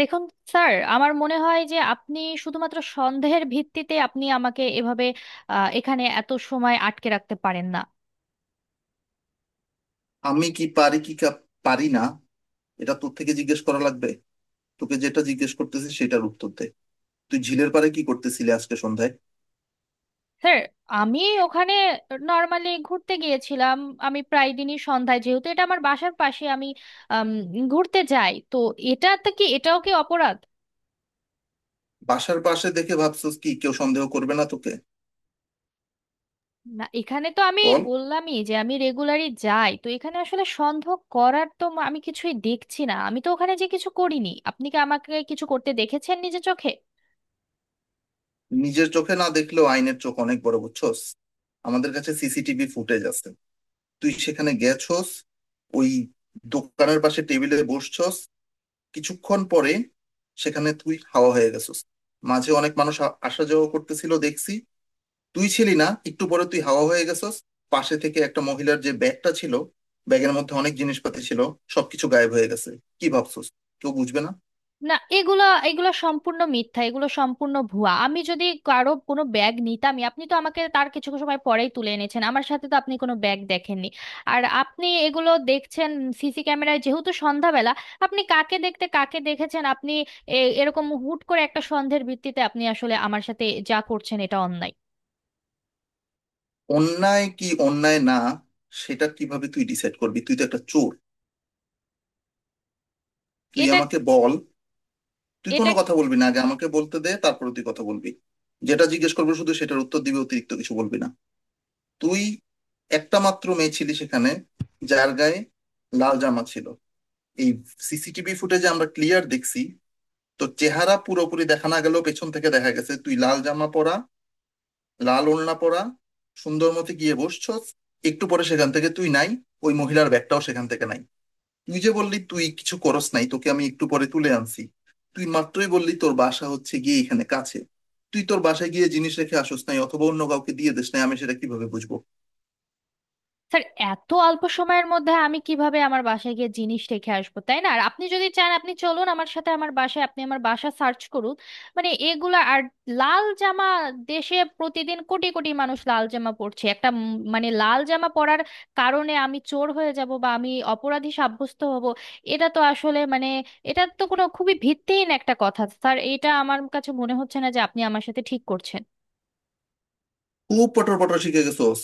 দেখুন স্যার, আমার মনে হয় যে আপনি শুধুমাত্র সন্দেহের ভিত্তিতে আপনি আমাকে এভাবে এখানে এত সময় আটকে রাখতে পারেন না। আমি কি পারি পারি না। এটা তোর থেকে জিজ্ঞেস করা লাগবে? তোকে যেটা জিজ্ঞেস করতেছি সেটার উত্তর দে। তুই ঝিলের পাড়ে কি করতেছিলি আজকে সন্ধ্যায়? স্যার, আমি ওখানে নর্মালি ঘুরতে গিয়েছিলাম। আমি প্রায় দিনই সন্ধ্যায়, যেহেতু এটা আমার বাসার পাশে, আমি আম, ঘুরতে যাই তো। এটাতে কি, এটাও কি অপরাধ? বাসার পাশে দেখে ভাবছস কি কেউ সন্দেহ করবে না তোকে? না, এখানে তো আমি বল। বললামই যে আমি রেগুলারই যাই তো এখানে, আসলে সন্দেহ করার তো আমি কিছুই দেখছি না। আমি তো ওখানে যে কিছু করিনি, আপনি কি আমাকে কিছু করতে দেখেছেন নিজের চোখে? নিজের চোখে না দেখলেও আইনের চোখ অনেক বড় বুঝছস। আমাদের কাছে সিসিটিভি ফুটেজ আছে। তুই সেখানে গেছস, ওই দোকানের পাশে টেবিলে বসছস। কিছুক্ষণ পরে সেখানে তুই হাওয়া হয়ে গেছস। মাঝে অনেক মানুষ আসা যাওয়া করতেছিল দেখছি। তুই ছিলি না, একটু পরে তুই হাওয়া হয়ে গেছস। পাশে থেকে একটা মহিলার যে ব্যাগটা ছিল, ব্যাগের মধ্যে অনেক জিনিসপাতি ছিল, সবকিছু গায়েব হয়ে গেছে। কি ভাবছস কেউ বুঝবে না? না, এগুলা এগুলা সম্পূর্ণ মিথ্যা, এগুলো সম্পূর্ণ ভুয়া। আমি যদি কারো কোনো ব্যাগ নিতামই, আপনি তো আমাকে তার কিছু সময় পরেই তুলে এনেছেন, আমার সাথে তো আপনি কোনো ব্যাগ দেখেননি। আর আপনি এগুলো দেখছেন সিসি ক্যামেরায়, যেহেতু সন্ধ্যাবেলা, আপনি কাকে দেখতে কাকে দেখেছেন আপনি? এরকম হুট করে একটা সন্দেহের ভিত্তিতে আপনি আসলে আমার সাথে যা করছেন এটা অন্যায়। অন্যায় কি অন্যায় না, সেটা কিভাবে তুই ডিসাইড করবি? তুই তো একটা চোর। তুই এটা আমাকে বল। তুই এটা কোনো কথা বলবি না, আগে আমাকে বলতে দে, তারপরে তুই কথা বলবি। যেটা জিজ্ঞেস করবো শুধু সেটার উত্তর দিবি, অতিরিক্ত কিছু বলবি না। তুই একটা মাত্র মেয়ে ছিলি সেখানে, যার গায়ে লাল জামা ছিল। এই সিসিটিভি ফুটেজে আমরা ক্লিয়ার দেখছি। তো চেহারা পুরোপুরি দেখা না গেলেও পেছন থেকে দেখা গেছে তুই লাল জামা পরা, লাল ওড়না পরা, সুন্দর মতো গিয়ে বসছস। একটু পরে সেখান থেকে তুই নাই, ওই মহিলার ব্যাগটাও সেখান থেকে নাই। তুই যে বললি তুই কিছু করস নাই, তোকে আমি একটু পরে তুলে আনছি। তুই মাত্রই বললি তোর বাসা হচ্ছে গিয়ে এখানে কাছে। তুই তোর বাসায় গিয়ে জিনিস রেখে আসোস নাই অথবা অন্য কাউকে দিয়ে দিস নাই আমি সেটা কিভাবে বুঝবো? স্যার, এত অল্প সময়ের মধ্যে আমি কিভাবে আমার বাসায় গিয়ে জিনিস রেখে আসবো, তাই না? আর আপনি যদি চান আপনি চলুন আমার সাথে আমার বাসায়, আপনি আমার বাসা সার্চ করুন। মানে এগুলা আর লাল জামা, দেশে প্রতিদিন কোটি কোটি মানুষ লাল জামা পরছে। একটা মানে লাল জামা পরার কারণে আমি চোর হয়ে যাব বা আমি অপরাধী সাব্যস্ত হব, এটা তো আসলে মানে এটা তো কোনো, খুবই ভিত্তিহীন একটা কথা স্যার। এটা আমার কাছে মনে হচ্ছে না যে আপনি আমার সাথে ঠিক করছেন। খুব পটর পটর শিখে গেছোস।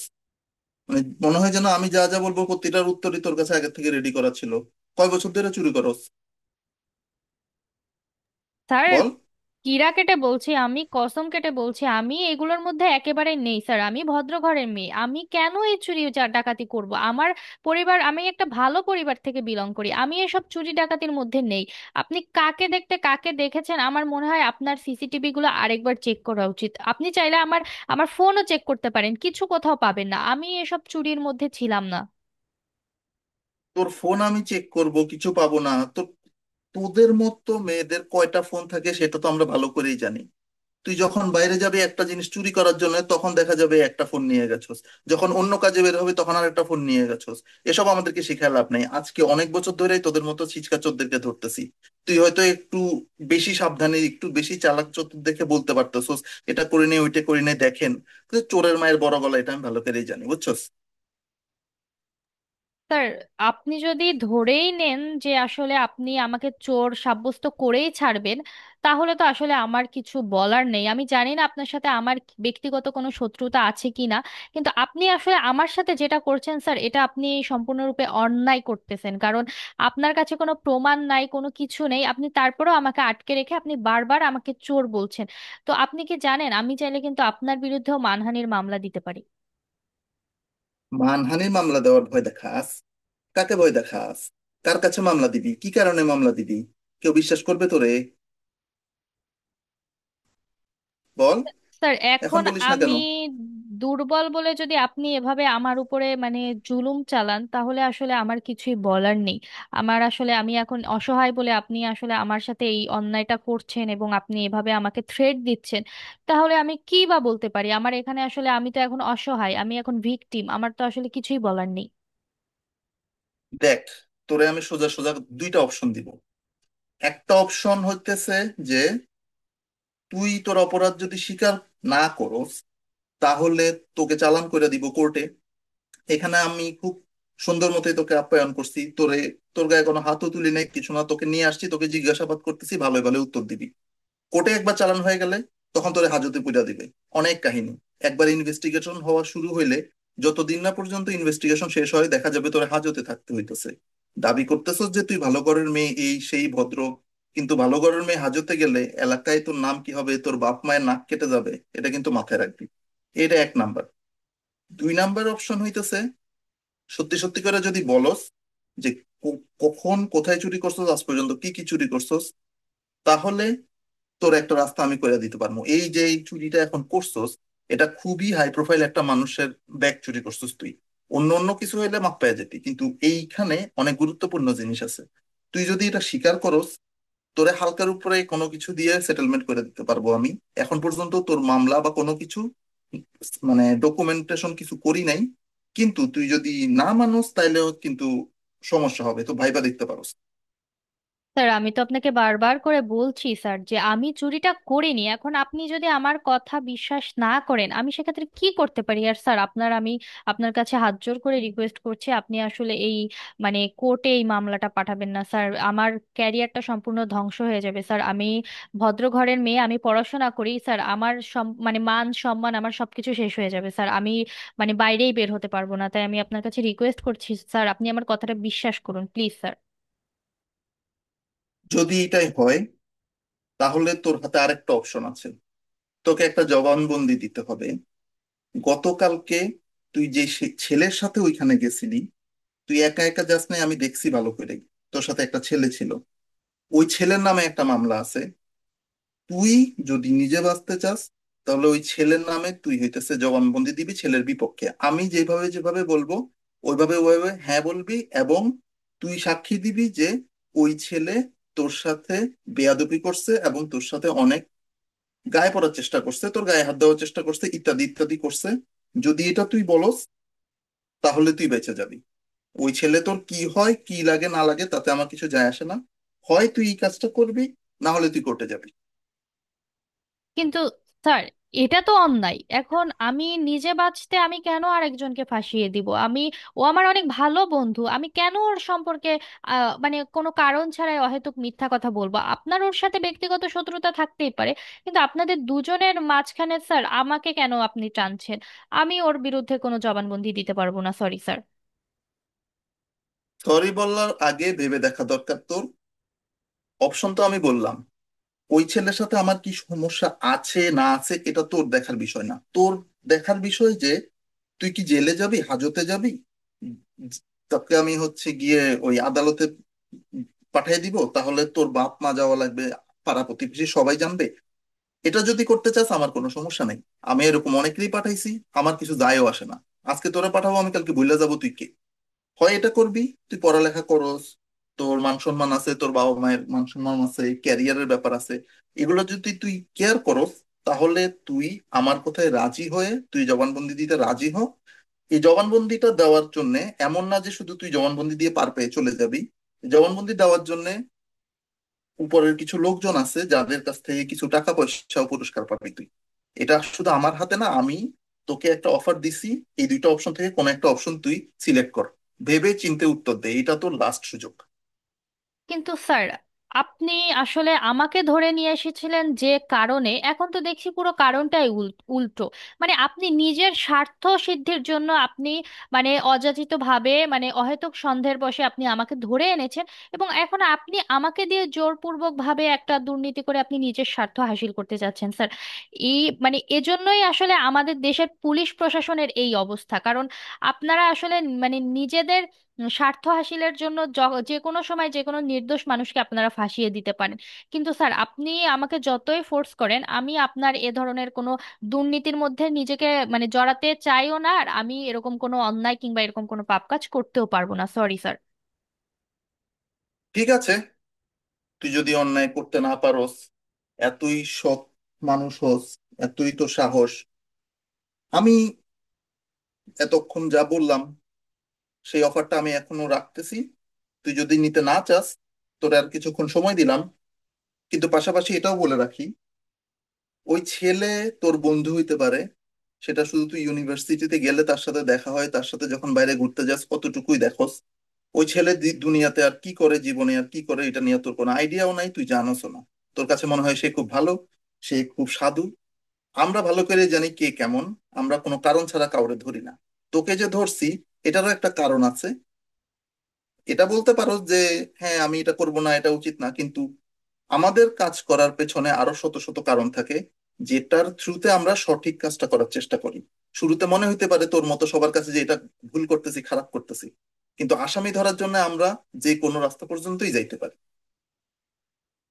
মানে মনে হয় যেন আমি যা যা বলবো প্রতিটার উত্তরই তোর কাছে আগে থেকে রেডি করা ছিল। কয় বছর ধরে চুরি করস? স্যার, বল। কিরা কেটে বলছি, আমি কসম কেটে বলছি আমি এগুলোর মধ্যে একেবারে নেই স্যার। আমি ভদ্র ঘরের মেয়ে, আমি কেন এই চুরি ডাকাতি করব? আমার পরিবার, আমি একটা ভালো পরিবার থেকে বিলং করি, আমি এসব চুরি ডাকাতির মধ্যে নেই। আপনি কাকে দেখতে কাকে দেখেছেন, আমার মনে হয় আপনার সিসিটিভি গুলো আরেকবার চেক করা উচিত। আপনি চাইলে আমার, আমার ফোনও চেক করতে পারেন, কিছু কোথাও পাবেন না। আমি এসব চুরির মধ্যে ছিলাম না। তোর ফোন আমি চেক করব, কিছু পাবো না তো? তোদের মতো মেয়েদের কয়টা ফোন থাকে সেটা তো আমরা ভালো করেই জানি। তুই যখন বাইরে যাবে একটা জিনিস চুরি করার জন্য, তখন দেখা যাবে একটা ফোন নিয়ে গেছোস। যখন অন্য কাজে বের হবে তখন আর একটা ফোন নিয়ে গেছোস। এসব আমাদেরকে শিখায় লাভ নাই, আজকে অনেক বছর ধরেই তোদের মতো ছিচকা চোরদেরকে ধরতেছি। তুই হয়তো একটু বেশি সাবধানে, একটু বেশি চালাক চতুর দেখে বলতে পারতেছোস এটা করে নে ওইটা করে নে দেখেন, কিন্তু চোরের মায়ের বড় গলা এটা আমি ভালো করেই জানি বুঝছোস। স্যার, আপনি যদি ধরেই নেন যে আসলে আপনি আমাকে চোর সাব্যস্ত করেই ছাড়বেন, তাহলে তো আসলে আমার কিছু বলার নেই। আমি জানি না আপনার সাথে আমার ব্যক্তিগত কোনো শত্রুতা আছে কিনা, কিন্তু আপনি আসলে আমার সাথে যেটা করছেন স্যার, এটা আপনি সম্পূর্ণরূপে অন্যায় করতেছেন। কারণ আপনার কাছে কোনো প্রমাণ নাই, কোনো কিছু নেই, আপনি তারপরেও আমাকে আটকে রেখে আপনি বারবার আমাকে চোর বলছেন। তো আপনি কি জানেন, আমি চাইলে কিন্তু আপনার বিরুদ্ধেও মানহানির মামলা দিতে পারি। মানহানির মামলা দেওয়ার ভয় দেখাস? কাকে ভয় দেখাস? কার কাছে মামলা দিবি, কি কারণে মামলা দিবি? কেউ বিশ্বাস করবে তোরে? বল। স্যার এখন এখন, বলিস না আমি কেন? দুর্বল বলে যদি আপনি এভাবে আমার উপরে মানে জুলুম চালান, তাহলে আসলে আমার কিছুই বলার নেই। আমার আসলে, আমি এখন অসহায় বলে আপনি আসলে আমার সাথে এই অন্যায়টা করছেন এবং আপনি এভাবে আমাকে থ্রেট দিচ্ছেন, তাহলে আমি কি বা বলতে পারি? আমার এখানে আসলে, আমি তো এখন অসহায়, আমি এখন ভিকটিম, আমার তো আসলে কিছুই বলার নেই। দেখ, তোরে আমি সোজা সোজা দুইটা অপশন দিব। একটা অপশন হইতেছে যে তুই তোর অপরাধ যদি স্বীকার না করস, তাহলে তোকে চালান করে দিব কোর্টে। এখানে আমি খুব সুন্দর মতোই তোকে আপ্যায়ন করছি, তোরে তোর গায়ে কোনো হাতও তুলি নাই, কিছু না, তোকে নিয়ে আসছি তোকে জিজ্ঞাসাবাদ করতেছি, ভালো ভালো উত্তর দিবি। কোর্টে একবার চালান হয়ে গেলে তখন তোরে হাজতে পুরা দিবে। অনেক কাহিনী, একবার ইনভেস্টিগেশন হওয়া শুরু হইলে যতদিন না পর্যন্ত ইনভেস্টিগেশন শেষ হয় দেখা যাবে তোরে হাজতে থাকতে হইতেছে। দাবি করতেছস যে তুই ভালো ঘরের মেয়ে, এই সেই, ভদ্র, কিন্তু ভালো ঘরের মেয়ে হাজতে গেলে এলাকায় তোর নাম কি হবে? তোর বাপ মায়ের নাক কেটে যাবে। এটা কিন্তু মাথায় রাখবি। এটা এক নাম্বার। দুই নাম্বার অপশন হইতেছে, সত্যি সত্যি করে যদি বলস যে কখন কোথায় চুরি করছস, আজ পর্যন্ত কি কি চুরি করছস, তাহলে তোর একটা রাস্তা আমি করে দিতে পারবো। এই যে এই চুরিটা এখন করছস, এটা খুবই হাই প্রোফাইল একটা মানুষের ব্যাগ চুরি করছস তুই। অন্য অন্য কিছু হইলে মাপ পেয়ে যেতি, কিন্তু এইখানে অনেক গুরুত্বপূর্ণ জিনিস আছে। তুই যদি এটা স্বীকার করস, তোরে হালকার উপরে কোনো কিছু দিয়ে সেটেলমেন্ট করে দিতে পারবো আমি। এখন পর্যন্ত তোর মামলা বা কোনো কিছু মানে ডকুমেন্টেশন কিছু করি নাই, কিন্তু তুই যদি না মানোস তাইলেও কিন্তু সমস্যা হবে, তো ভাইবা দেখতে পারোস। স্যার আমি তো আপনাকে বারবার করে বলছি স্যার, যে আমি চুরিটা করিনি। এখন আপনি যদি আমার কথা বিশ্বাস না করেন, আমি সেক্ষেত্রে কি করতে পারি? আর স্যার, আপনার আমি, আপনার কাছে হাত জোর করে রিকোয়েস্ট করছি, আপনি আসলে এই মানে কোর্টে এই মামলাটা পাঠাবেন না স্যার। আমার ক্যারিয়ারটা সম্পূর্ণ ধ্বংস হয়ে যাবে স্যার। আমি ভদ্র ঘরের মেয়ে, আমি পড়াশোনা করি স্যার। আমার মানে মান সম্মান, আমার সবকিছু শেষ হয়ে যাবে স্যার। আমি মানে বাইরেই বের হতে পারবো না। তাই আমি আপনার কাছে রিকোয়েস্ট করছি স্যার, আপনি আমার কথাটা বিশ্বাস করুন প্লিজ স্যার। যদি এটাই হয়, তাহলে তোর হাতে আরেকটা অপশন আছে। তোকে একটা জবানবন্দি দিতে হবে। গতকালকে তুই যে ছেলের সাথে ওইখানে গেছিলি, তুই একা একা যাস নাই, আমি দেখছি ভালো করে, তোর সাথে একটা ছেলে ছিল। ওই ছেলের নামে একটা মামলা আছে। তুই যদি নিজে বাঁচতে চাস, তাহলে ওই ছেলের নামে তুই হইতেছে জবানবন্দি দিবি, ছেলের বিপক্ষে আমি যেভাবে যেভাবে বলবো ওইভাবে ওইভাবে হ্যাঁ বলবি। এবং তুই সাক্ষী দিবি যে ওই ছেলে তোর সাথে বেয়াদবি করছে এবং তোর সাথে অনেক গায়ে পড়ার চেষ্টা করছে, তোর গায়ে হাত দেওয়ার চেষ্টা করছে, ইত্যাদি ইত্যাদি করছে। যদি এটা তুই বলস, তাহলে তুই বেঁচে যাবি। ওই ছেলে তোর কি হয়, কি লাগে না লাগে, তাতে আমার কিছু যায় আসে না। হয় তুই এই কাজটা করবি, না হলে তুই কোর্টে যাবি। কিন্তু স্যার, এটা তো অন্যায়। এখন আমি নিজে বাঁচতে আমি কেন আরেকজনকে ফাঁসিয়ে দিব? আমি, ও আমার অনেক ভালো বন্ধু, আমি কেন ওর সম্পর্কে মানে কোনো কারণ ছাড়াই অহেতুক মিথ্যা কথা বলবো? আপনার ওর সাথে ব্যক্তিগত শত্রুতা থাকতেই পারে, কিন্তু আপনাদের দুজনের মাঝখানে স্যার আমাকে কেন আপনি টানছেন? আমি ওর বিরুদ্ধে কোনো জবানবন্দি দিতে পারবো না, সরি স্যার। সরি বলার আগে ভেবে দেখা দরকার তোর। অপশন তো আমি বললাম। ওই ছেলের সাথে আমার কি সমস্যা আছে না আছে এটা তোর দেখার বিষয় না। তোর দেখার বিষয় যে তুই কি জেলে যাবি, হাজতে যাবি। তোকে আমি হচ্ছে গিয়ে ওই আদালতে পাঠিয়ে দিব, তাহলে তোর বাপ মা যাওয়া লাগবে, পাড়া প্রতিবেশী সবাই জানবে। এটা যদি করতে চাস আমার কোনো সমস্যা নেই। আমি এরকম অনেকেরই পাঠাইছি, আমার কিছু যায়ও আসে না। আজকে তোরা পাঠাবো, আমি কালকে ভুলে যাবো তুই কে। হয় এটা করবি। তুই পড়ালেখা করস, তোর মান সম্মান আছে, তোর বাবা মায়ের মান সম্মান আছে, ক্যারিয়ারের ব্যাপার আছে, এগুলো যদি তুই কেয়ার করস, তাহলে তুই আমার কথায় রাজি হয়ে তুই জবানবন্দি দিতে রাজি হ। এই জবানবন্দিটা দেওয়ার জন্য এমন না যে শুধু তুই জবানবন্দি দিয়ে পার পেয়ে চলে যাবি, জবানবন্দি দেওয়ার জন্য উপরের কিছু লোকজন আছে যাদের কাছ থেকে কিছু টাকা পয়সা ও পুরস্কার পাবি তুই। এটা শুধু আমার হাতে না। আমি তোকে একটা অফার দিছি। এই দুইটা অপশন থেকে কোন একটা অপশন তুই সিলেক্ট কর। ভেবে চিন্তে উত্তর দে, এটা তোর লাস্ট সুযোগ। কিন্তু স্যার, আপনি আসলে আমাকে ধরে নিয়ে এসেছিলেন যে কারণে, এখন তো দেখছি পুরো কারণটাই উল্টো। মানে আপনি নিজের স্বার্থ সিদ্ধির জন্য আপনি মানে অযাচিতভাবে, মানে অহেতুক সন্দেহের বশে আপনি আমাকে ধরে এনেছেন এবং এখন আপনি আমাকে দিয়ে জোরপূর্বকভাবে একটা দুর্নীতি করে আপনি নিজের স্বার্থ হাসিল করতে চাচ্ছেন স্যার। এই মানে এজন্যই আসলে আমাদের দেশের পুলিশ প্রশাসনের এই অবস্থা। কারণ আপনারা আসলে মানে নিজেদের স্বার্থ হাসিলের জন্য যে কোনো সময় যে কোনো নির্দোষ মানুষকে আপনারা ফাঁসিয়ে দিতে পারেন। কিন্তু স্যার, আপনি আমাকে যতই ফোর্স করেন, আমি আপনার এ ধরনের কোনো দুর্নীতির মধ্যে নিজেকে মানে জড়াতে চাইও না। আর আমি এরকম কোনো অন্যায় কিংবা এরকম কোনো পাপ কাজ করতেও পারবো না, সরি স্যার। ঠিক আছে, তুই যদি অন্যায় করতে না পারোস, এতই সৎ মানুষ হোস, এতই তো সাহস, আমি এতক্ষণ যা বললাম সেই অফারটা আমি এখনো রাখতেছি। তুই যদি নিতে না চাস, তোর আর কিছুক্ষণ সময় দিলাম। কিন্তু পাশাপাশি এটাও বলে রাখি, ওই ছেলে তোর বন্ধু হইতে পারে, সেটা শুধু তুই ইউনিভার্সিটিতে গেলে তার সাথে দেখা হয়, তার সাথে যখন বাইরে ঘুরতে যাস, কতটুকুই দেখোস? ওই ছেলে দুনিয়াতে আর কি করে, জীবনে আর কি করে, এটা নিয়ে তোর কোনো আইডিয়াও নাই, তুই জানোস না। তোর কাছে মনে হয় সে খুব ভালো, সে খুব সাধু। আমরা ভালো করে জানি কে কেমন। আমরা কোনো কারণ ছাড়া কাউরে ধরি না। তোকে যে ধরছি, এটারও একটা কারণ আছে। এটা বলতে পারো যে হ্যাঁ আমি এটা করব না, এটা উচিত না, কিন্তু আমাদের কাজ করার পেছনে আরো শত শত কারণ থাকে যেটার থ্রুতে আমরা সঠিক কাজটা করার চেষ্টা করি। শুরুতে মনে হইতে পারে তোর মতো সবার কাছে যে এটা ভুল করতেছি, খারাপ করতেছি, কিন্তু আসামি ধরার জন্য আমরা যে কোনো রাস্তা পর্যন্তই যাইতে পারি।